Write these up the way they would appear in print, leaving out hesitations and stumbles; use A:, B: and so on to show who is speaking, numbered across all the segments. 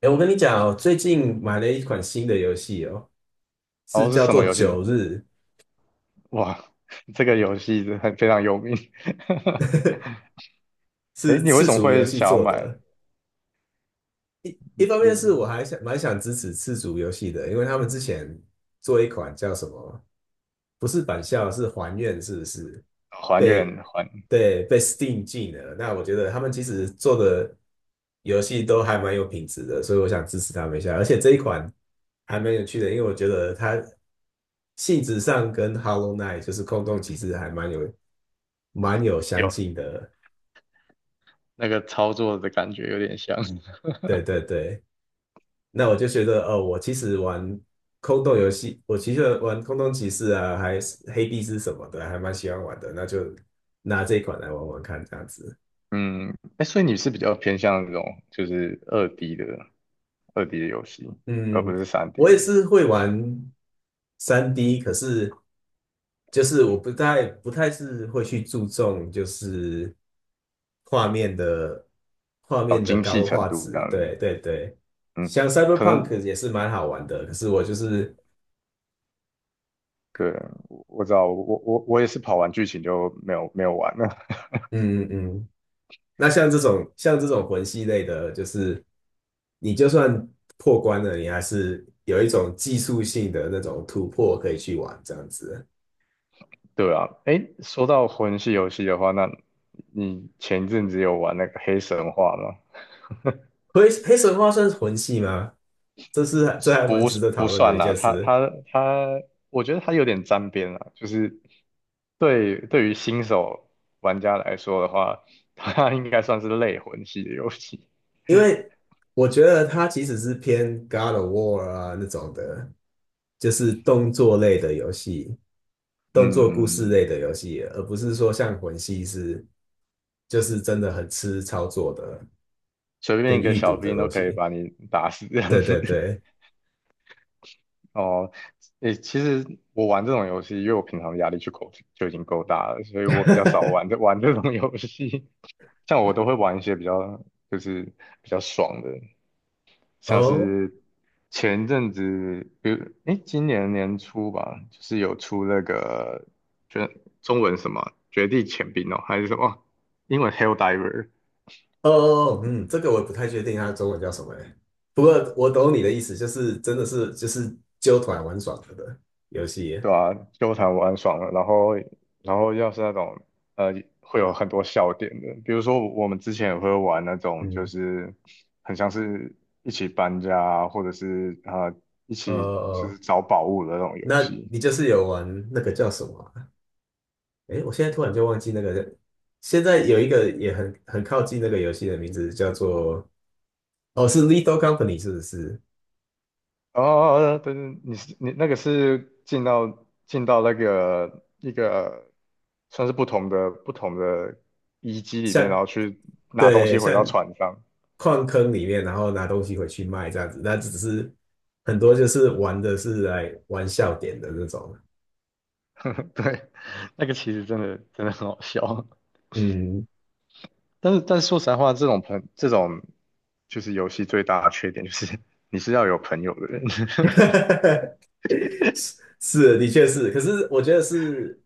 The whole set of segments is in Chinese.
A: 哎，我跟你讲哦，最近买了一款新的游戏哦，是
B: 哦，是
A: 叫
B: 什么
A: 做
B: 游戏？
A: 《九日》，
B: 哇，这个游戏是很非常有名。哎
A: 是
B: 你为
A: 赤
B: 什么
A: 足游
B: 会
A: 戏
B: 想要
A: 做
B: 买？
A: 的。一方面是我
B: 你
A: 蛮想支持赤足游戏的，因为他们之前做一款叫什么，不是返校，是还愿，是不是？
B: 哦还原
A: 被
B: 还
A: 对被 Steam 禁了。那我觉得他们其实做的游戏都还蛮有品质的，所以我想支持他们一下。而且这一款还蛮有趣的，因为我觉得它性质上跟 Hollow Knight 就是空洞骑士还蛮有相
B: 有
A: 近的。
B: 那个操作的感觉有点像。
A: 对对对，那我就觉得哦，我其实玩空洞骑士啊，还是黑帝斯什么的，还蛮喜欢玩的。那就拿这一款来玩玩看，这样子。
B: 嗯，哎，所以你是比较偏向那种就是二 D 的游戏，而不
A: 嗯，
B: 是三
A: 我
B: D
A: 也
B: 的，
A: 是会玩3D， 可是就是我不太是会去注重就是画面的画
B: 哦，
A: 面的
B: 精细
A: 高
B: 程
A: 画
B: 度这
A: 质，
B: 样。
A: 对对对。
B: 嗯，
A: 像
B: 可能
A: Cyberpunk 也是蛮好玩的，可是我就是
B: 对，我知道，我也是跑完剧情就没有玩了。
A: 嗯嗯嗯。那像这种魂系类的，就是你就算破关了，你还是有一种技术性的那种突破可以去玩这样子。
B: 对啊，诶，说到魂系游戏的话，那你前一阵子有玩那个黑神话吗？
A: 黑神话算是魂系吗？这还蛮
B: 不
A: 值得
B: 不
A: 讨论的
B: 算
A: 一
B: 啦，
A: 件
B: 它
A: 事。
B: 它它，我觉得它有点沾边啦，就是对于新手玩家来说的话，它应该算是类魂系的游戏。
A: 因为我觉得它其实是偏 God of War 啊那种的，就是
B: 嗯
A: 动
B: 嗯，
A: 作故
B: 嗯
A: 事类
B: 嗯
A: 的游戏，而不是说像魂系是就是真的很吃操作的
B: 随便
A: 跟
B: 一个
A: 预
B: 小
A: 读的
B: 兵都
A: 东
B: 可以
A: 西。
B: 把你打死这样
A: 对
B: 子。
A: 对 对，
B: 哦，诶，其实我玩这种游戏，因为我平常的压力就已经够大了，所以我比较少 玩这 玩这种游戏。像我都会玩一些比较就是比较爽的，像
A: 哦
B: 是前一阵子，诶，今年年初吧，就是有出那个，就中文什么《绝地潜兵》哦，还是什么英文《Hell Diver》,
A: 哦哦，嗯，这个我不太确定它中文叫什么欸，不过我懂你的意思，就是真的是就是揪团玩耍了的游戏。
B: 对啊，纠缠玩很爽了。然后，然后要是那种呃，会有很多笑点的，比如说我们之前也会玩那种，就
A: 嗯，
B: 是很像是一起搬家啊或者是啊，一起就是
A: 哦哦，
B: 找宝物的那种游
A: 那
B: 戏。
A: 你就是有玩那个叫什么啊？诶，我现在突然就忘记那个。现在有一个也很靠近那个游戏的名字，叫做哦，是 Lithal Company 是不是？
B: 哦，对对，你那个是进到那个一个算是不同的遗迹里面，然
A: 像
B: 后去拿东
A: 对，
B: 西回
A: 像
B: 到船上。
A: 矿坑里面，然后拿东西回去卖这样子。那只是很多就是玩的是来玩笑点的那种。
B: 对，那个其实真的很好笑。
A: 嗯，
B: 但是说实在话，这种就是游戏最大的缺点就是 你是要有朋友的人，
A: 是是，的确是。可是我觉得是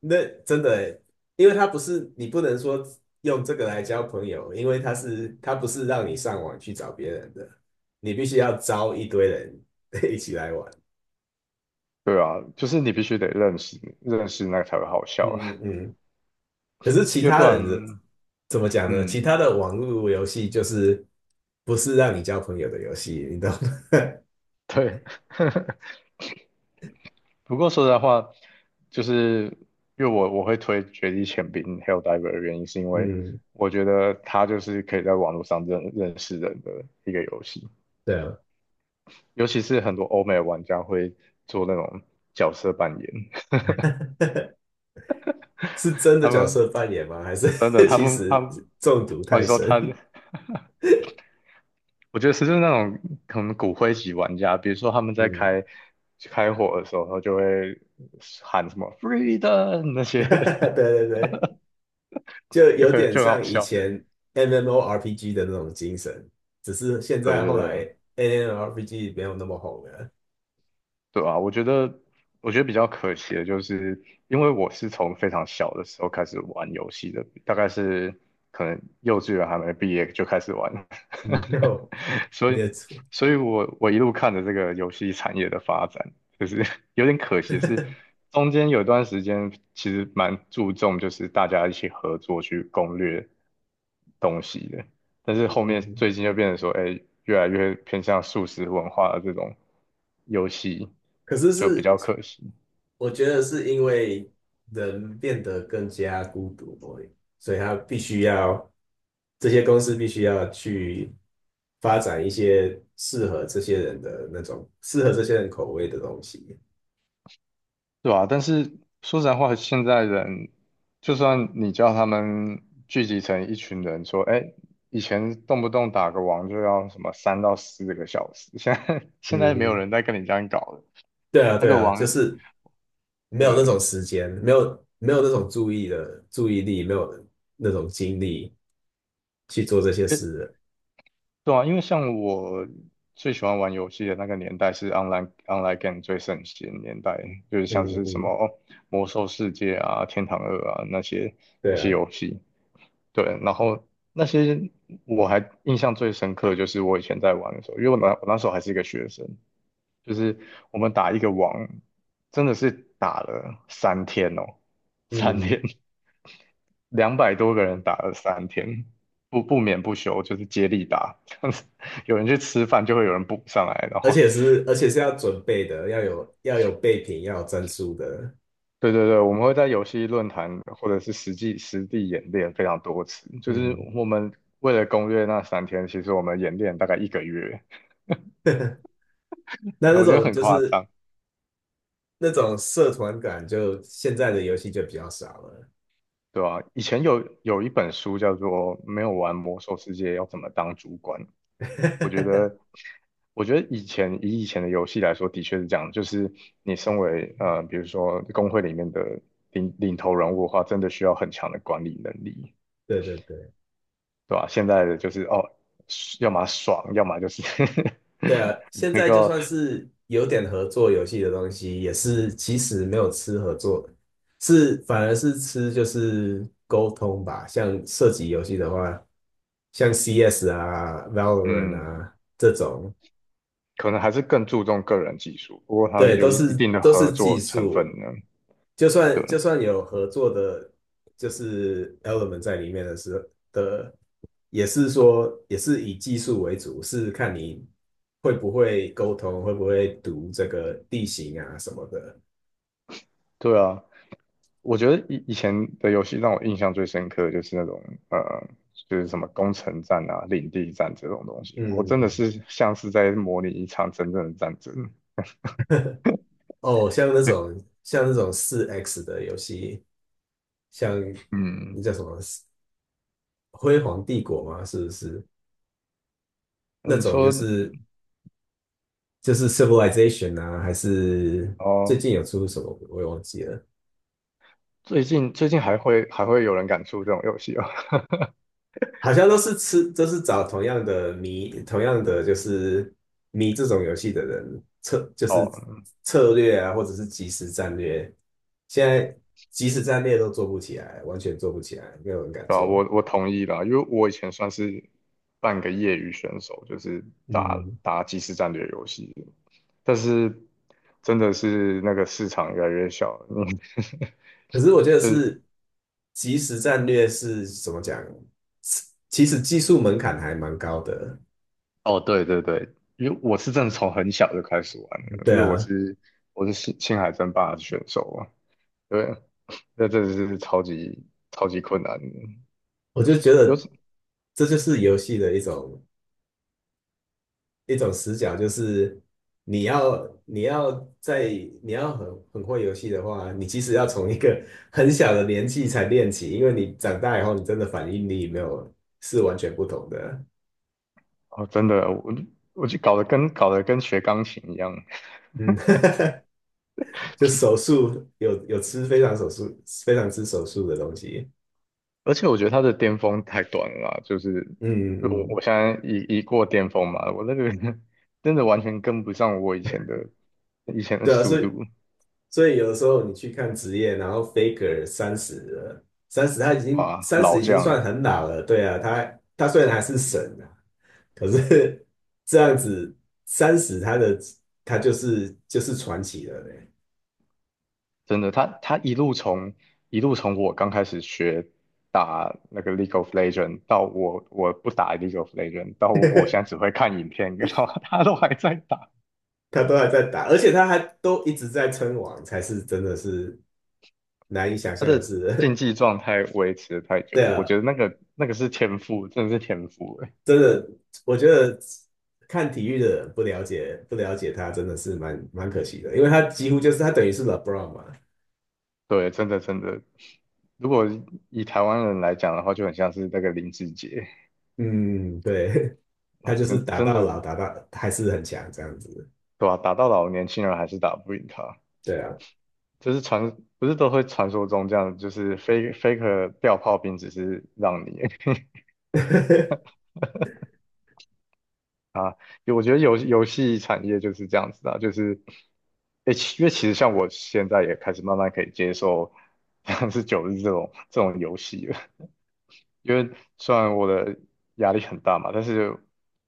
A: 那真的欸，因为它不是你不能说用这个来交朋友，因为它不是让你上网去找别人的，你必须要招一堆人 一起来玩。
B: 对啊，就是你必须得认识那个才会好笑啊，
A: 嗯嗯嗯。可是其
B: 因为不
A: 他人的
B: 然，
A: 怎么讲呢？其
B: 嗯，
A: 他的网络游戏就是不是让你交朋友的游戏，你懂吗？
B: 对。不过说实在话，就是因为我会推《绝地潜兵》Helldiver 的原因，是因 为
A: 嗯，
B: 我觉得它就是可以在网络上认识人的一个游戏，
A: 对啊。
B: 尤其是很多欧美玩家会做那种角色扮演，
A: 是 真的
B: 他
A: 角
B: 们
A: 色扮演吗？还是
B: 真的，他
A: 其
B: 们他
A: 实
B: 们
A: 中毒
B: 哦，你
A: 太
B: 说
A: 深？
B: 他，我觉得是就是那种可能骨灰级玩家，比如说他们在
A: 嗯，
B: 开火的时候，他就会喊什么 "freedom" 那 些，
A: 对对对。就 有点
B: 就很好
A: 像以
B: 笑。
A: 前 MMORPG 的那种精神，只是现
B: 对
A: 在
B: 对
A: 后来
B: 对，
A: MMORPG 没有那么红了。
B: 对啊，我觉得，我觉得比较可惜的就是，因为我是从非常小的时候开始玩游戏的，大概是可能幼稚园还没毕业就开始玩，
A: 嗯，没有，
B: 所
A: 你
B: 以，
A: 也出
B: 所以我一路看着这个游戏产业的发展，就是 有点可惜的是，中间有段时间其实蛮注重就是大家一起合作去攻略东西的，但是后面
A: 嗯，
B: 最近就变成说，哎，越来越偏向速食文化的这种。游戏，
A: 可是
B: 就比
A: 是
B: 较可惜，
A: 我觉得是因为人变得更加孤独，所以他必须要这些公司必须要去发展一些适合这些人口味的东西。
B: 对吧？但是说实在话，现在人就算你叫他们聚集成一群人，说，哎，以前动不动打个王就要什么3 到 4 个小时，现在 现在没有
A: 嗯，
B: 人在跟你这样搞了。
A: 对啊，
B: 那
A: 对
B: 个
A: 啊，就
B: 王，
A: 是没有那
B: 对，
A: 种时间，没有那种注意力，没有那种精力去做这些
B: 因为
A: 事了。
B: 对啊，因为像我最喜欢玩游戏的那个年代是 online game 最盛行的年代，就是像
A: 嗯
B: 是什么
A: 嗯，
B: 哦魔兽世界啊、天堂二啊那些那
A: 对
B: 些
A: 啊，
B: 游戏。对，然后那些我还印象最深刻的就是我以前在玩的时候，因为我那时候还是一个学生，就是我们打一个网，真的是打了三天哦，三
A: 嗯，
B: 天，200 多个人打了3 天，不眠不休，就是接力打，这样子，有人去吃饭就会有人补上来，然
A: 而
B: 后
A: 且是而且是要准备的，要有备品，要有战术的。
B: 对对对，我们会在游戏论坛或者是实地演练非常多次，就是
A: 嗯，
B: 我们为了攻略那 3 天，其实我们演练大概1 个月。
A: 那那
B: 我觉得
A: 种
B: 很
A: 就
B: 夸
A: 是
B: 张，
A: 那种社团感就，现在的游戏就比较少了。
B: 对吧、以前有一本书叫做《没有玩魔兽世界要怎么当主管》，我觉得，我觉得以前以前的游戏来说，的确是这样，就是你身为呃，比如说工会里面的领头人物的话，真的需要很强的管理能力，
A: 对对对。
B: 对吧、现在的就是哦，要么爽，要么就是
A: 对啊，现
B: 那
A: 在就
B: 个
A: 算是有点合作游戏的东西，也是其实没有吃合作，是反而是吃就是沟通吧。像射击游戏的话，像 CS 啊、Valorant
B: 嗯，
A: 啊这种，
B: 可能还是更注重个人技术，不过它
A: 对，都
B: 有一
A: 是
B: 定的
A: 都
B: 合
A: 是技
B: 作成分
A: 术。
B: 呢，
A: 就算就
B: 对。
A: 算有合作的，就是 element 在里面的时候的也是以技术为主，是看你会不会沟通，会不会读这个地形啊什么的。
B: 对啊，我觉得以前的游戏让我印象最深刻的就是那种呃，就是什么攻城战啊、领地战这种东西，
A: 嗯，
B: 我
A: 嗯
B: 真的
A: 嗯，
B: 是像是在模拟一场真正的战争。
A: 哦，像那
B: 对，
A: 种像那种4X 的游戏，像
B: 嗯，
A: 那叫什么《辉煌帝国》吗？是不是那
B: 你
A: 种就
B: 说
A: 是就是 Civilization 啊？还是最
B: 哦，
A: 近有出什么我也忘记了。
B: 最近还会有人敢出这种游戏哦？
A: 好像都是吃，都是找同样的迷，同样的就是迷这种游戏的人策，就
B: 哦，
A: 是策略啊，或者是即时战略。现在即时战略都做不起来，完全做不起来，没有人敢
B: 对啊，
A: 做。
B: 我同意啦，因为我以前算是半个业余选手，就是打
A: 嗯，
B: 打即时战略游戏，但是真的是那个市场越来越小了嗯
A: 可是我觉 得
B: 就是
A: 是即时战略是怎么讲？其实技术门槛还蛮高的。
B: 哦，对对对，因为我是真的从很小就开始玩了，因
A: 对
B: 为我
A: 啊，
B: 是我是青海争霸的选手嘛，对，那真的是超级困难的，
A: 我就觉得
B: 有
A: 这就是游戏的一种死角，就是你要你要在你要很会游戏的话，你其实要从一个 很小的年纪才练起，因为你长大以后，你真的反应力没有是完全不同的。
B: 哦真的我就搞得跟学钢琴一样，
A: 嗯，就手速有吃非常手速非常吃手速的东西。
B: 而且我觉得他的巅峰太短了啦就是
A: 嗯
B: 我
A: 嗯，
B: 我
A: 嗯，
B: 现在一过巅峰嘛，我那个 真的完全跟不上我以前的以前的
A: 对啊，
B: 速
A: 所以
B: 度
A: 所以有的时候你去看职业，然后 Faker 三十了，30他已经
B: 啊，
A: 三十
B: 老
A: 已经
B: 将
A: 算很老了，对啊，他虽然还是神啊，可是这样子，三十他的他就是传奇了嘞，
B: 真的他一路从我刚开始学打那个 League of Legend 到我不打 League of Legend 到我现在 只会看影片，然后他都还在打，
A: 他都还在打，而且他还都一直在称王，才是真的是难以想
B: 他
A: 象的
B: 的竞
A: 事。
B: 技状态维持得太
A: 对
B: 久，我
A: 啊，
B: 觉得那个是天赋，真的是天赋欸
A: 真的，我觉得看体育的人不了解他，真的是蛮可惜的，因为他几乎就是他等于是 LeBron 嘛。
B: 对，真的，如果以台湾人来讲的话，就很像是那个林志杰，
A: 嗯，对，他就是打
B: 真
A: 到
B: 的
A: 老，打到还是很强这样子。
B: 对吧、打到老，年轻人还是打不赢他。
A: 对啊，
B: 就是传，不是都会传说中这样，就是 faker 掉炮兵，只是让你 啊，我觉得游戏产业就是这样子的，就是，诶、其因为其实像我现在也开始慢慢可以接受 像是九日这种游戏了。因为虽然我的压力很大嘛，但是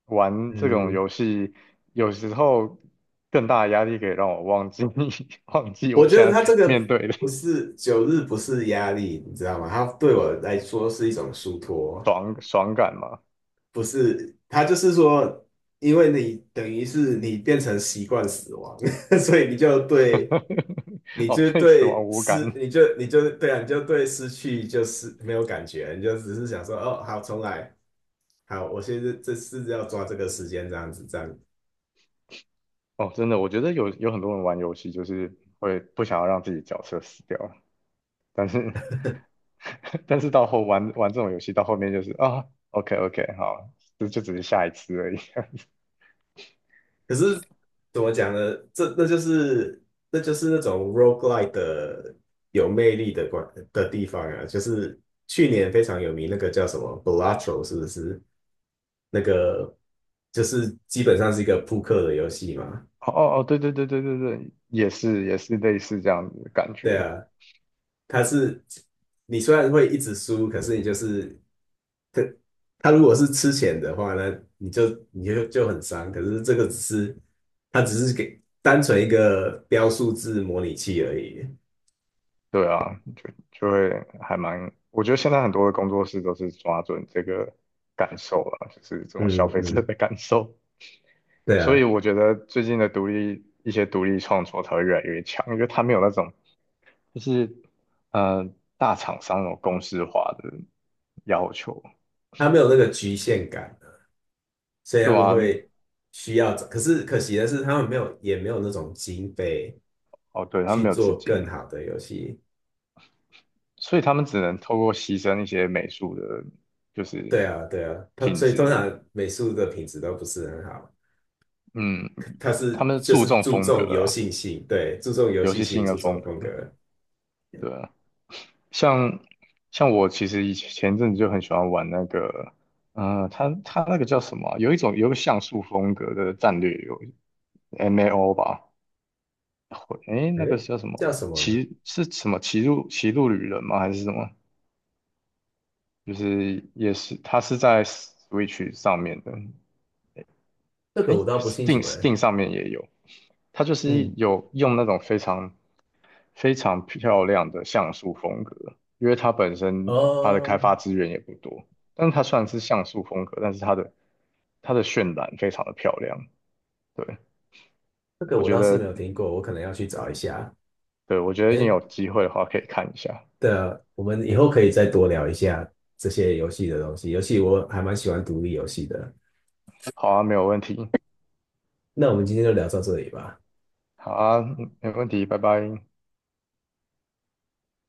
B: 玩这种
A: 嗯。
B: 游戏有时候更大的压力可以让我忘记 忘记
A: 我
B: 我
A: 觉得
B: 现在
A: 他这
B: 面
A: 个
B: 对的
A: 不是九日，不是压力，你知道吗？他对我来说是一种疏脱，
B: 爽爽感嘛。
A: 不是他就是说，因为你等于是你变成习惯死亡，所以
B: 哦，对死亡无感。
A: 你就对失去就是没有感觉，你就只是想说，哦，好，重来，好，我现在这是要抓这个时间这样子。这样
B: 哦，真的，我觉得有很多人玩游戏就是会不想要让自己角色死掉，但是 但是到后玩这种游戏到后面就是啊，OK OK,好，这就只是下一次而已。
A: 可是怎么讲呢？这那就是那就是那种 roguelike 的有魅力的地方啊，就是去年非常有名那个叫什么 Balatro，是不是？那个就是基本上是一个扑克的游戏嘛。
B: 哦哦哦，对对对对对对，也是也是类似这样子的感
A: 对
B: 觉，
A: 啊，它是你虽然会一直输，可是你就是它它如果是吃钱的话呢，你就很伤。可是这个只是它只是给单纯一个标数字模拟器而已。
B: 对啊，就会还蛮，我觉得现在很多的工作室都是抓准这个感受了，就是这种消
A: 嗯
B: 费者
A: 嗯，
B: 的感受，
A: 对
B: 所
A: 啊，
B: 以我觉得最近的独立独立创作才会越来越强，因为它没有那种就是呃大厂商那种公式化的要求，
A: 他没有那个局限感的，所以他
B: 对
A: 们
B: 啊，
A: 会需要找。可是可惜的是，他们没有那种经费
B: 哦对，它
A: 去
B: 没有资
A: 做
B: 金，
A: 更好的游戏。
B: 所以他们只能透过牺牲一些美术的，就是
A: 对啊，对啊，
B: 品
A: 所以通
B: 质，
A: 常美术的品质都不是很好，
B: 嗯，
A: 他是
B: 他们
A: 就
B: 注
A: 是
B: 重
A: 注
B: 风格
A: 重游
B: 啊，
A: 戏性，对，注重游
B: 游
A: 戏
B: 戏
A: 性，
B: 性
A: 注
B: 的
A: 重
B: 风格，
A: 风格。
B: 对啊，像像我其实以前前阵子就很喜欢玩那个，嗯、呃，它那个叫什么啊有一个像素风格的战略游 MAO 吧，会，诶，那个
A: 诶，
B: 叫什么
A: 叫什么呢？
B: 骑路旅人吗？还是什么？就是也是它是在 Switch 上面的。
A: 这个
B: 哎，
A: 我倒不清楚诶。
B: Steam 上面也有，它就是
A: 嗯，
B: 有用那种非常漂亮的像素风格，因为它本身它的开
A: 哦，
B: 发资源也不多，但是它虽然是像素风格，但是它的它的渲染非常的漂亮。对，
A: 这个
B: 我
A: 我
B: 觉
A: 倒是
B: 得，
A: 没有听过，我可能要去找一下。
B: 对，我觉得你
A: 哎，
B: 有机会的话可以看一下。
A: 的，我们以后可以再多聊一下这些游戏的东西，游戏我还蛮喜欢独立游戏的。
B: 好啊，没有问题。
A: 那我们今天就聊到这里吧。
B: 好啊，没问题，拜拜。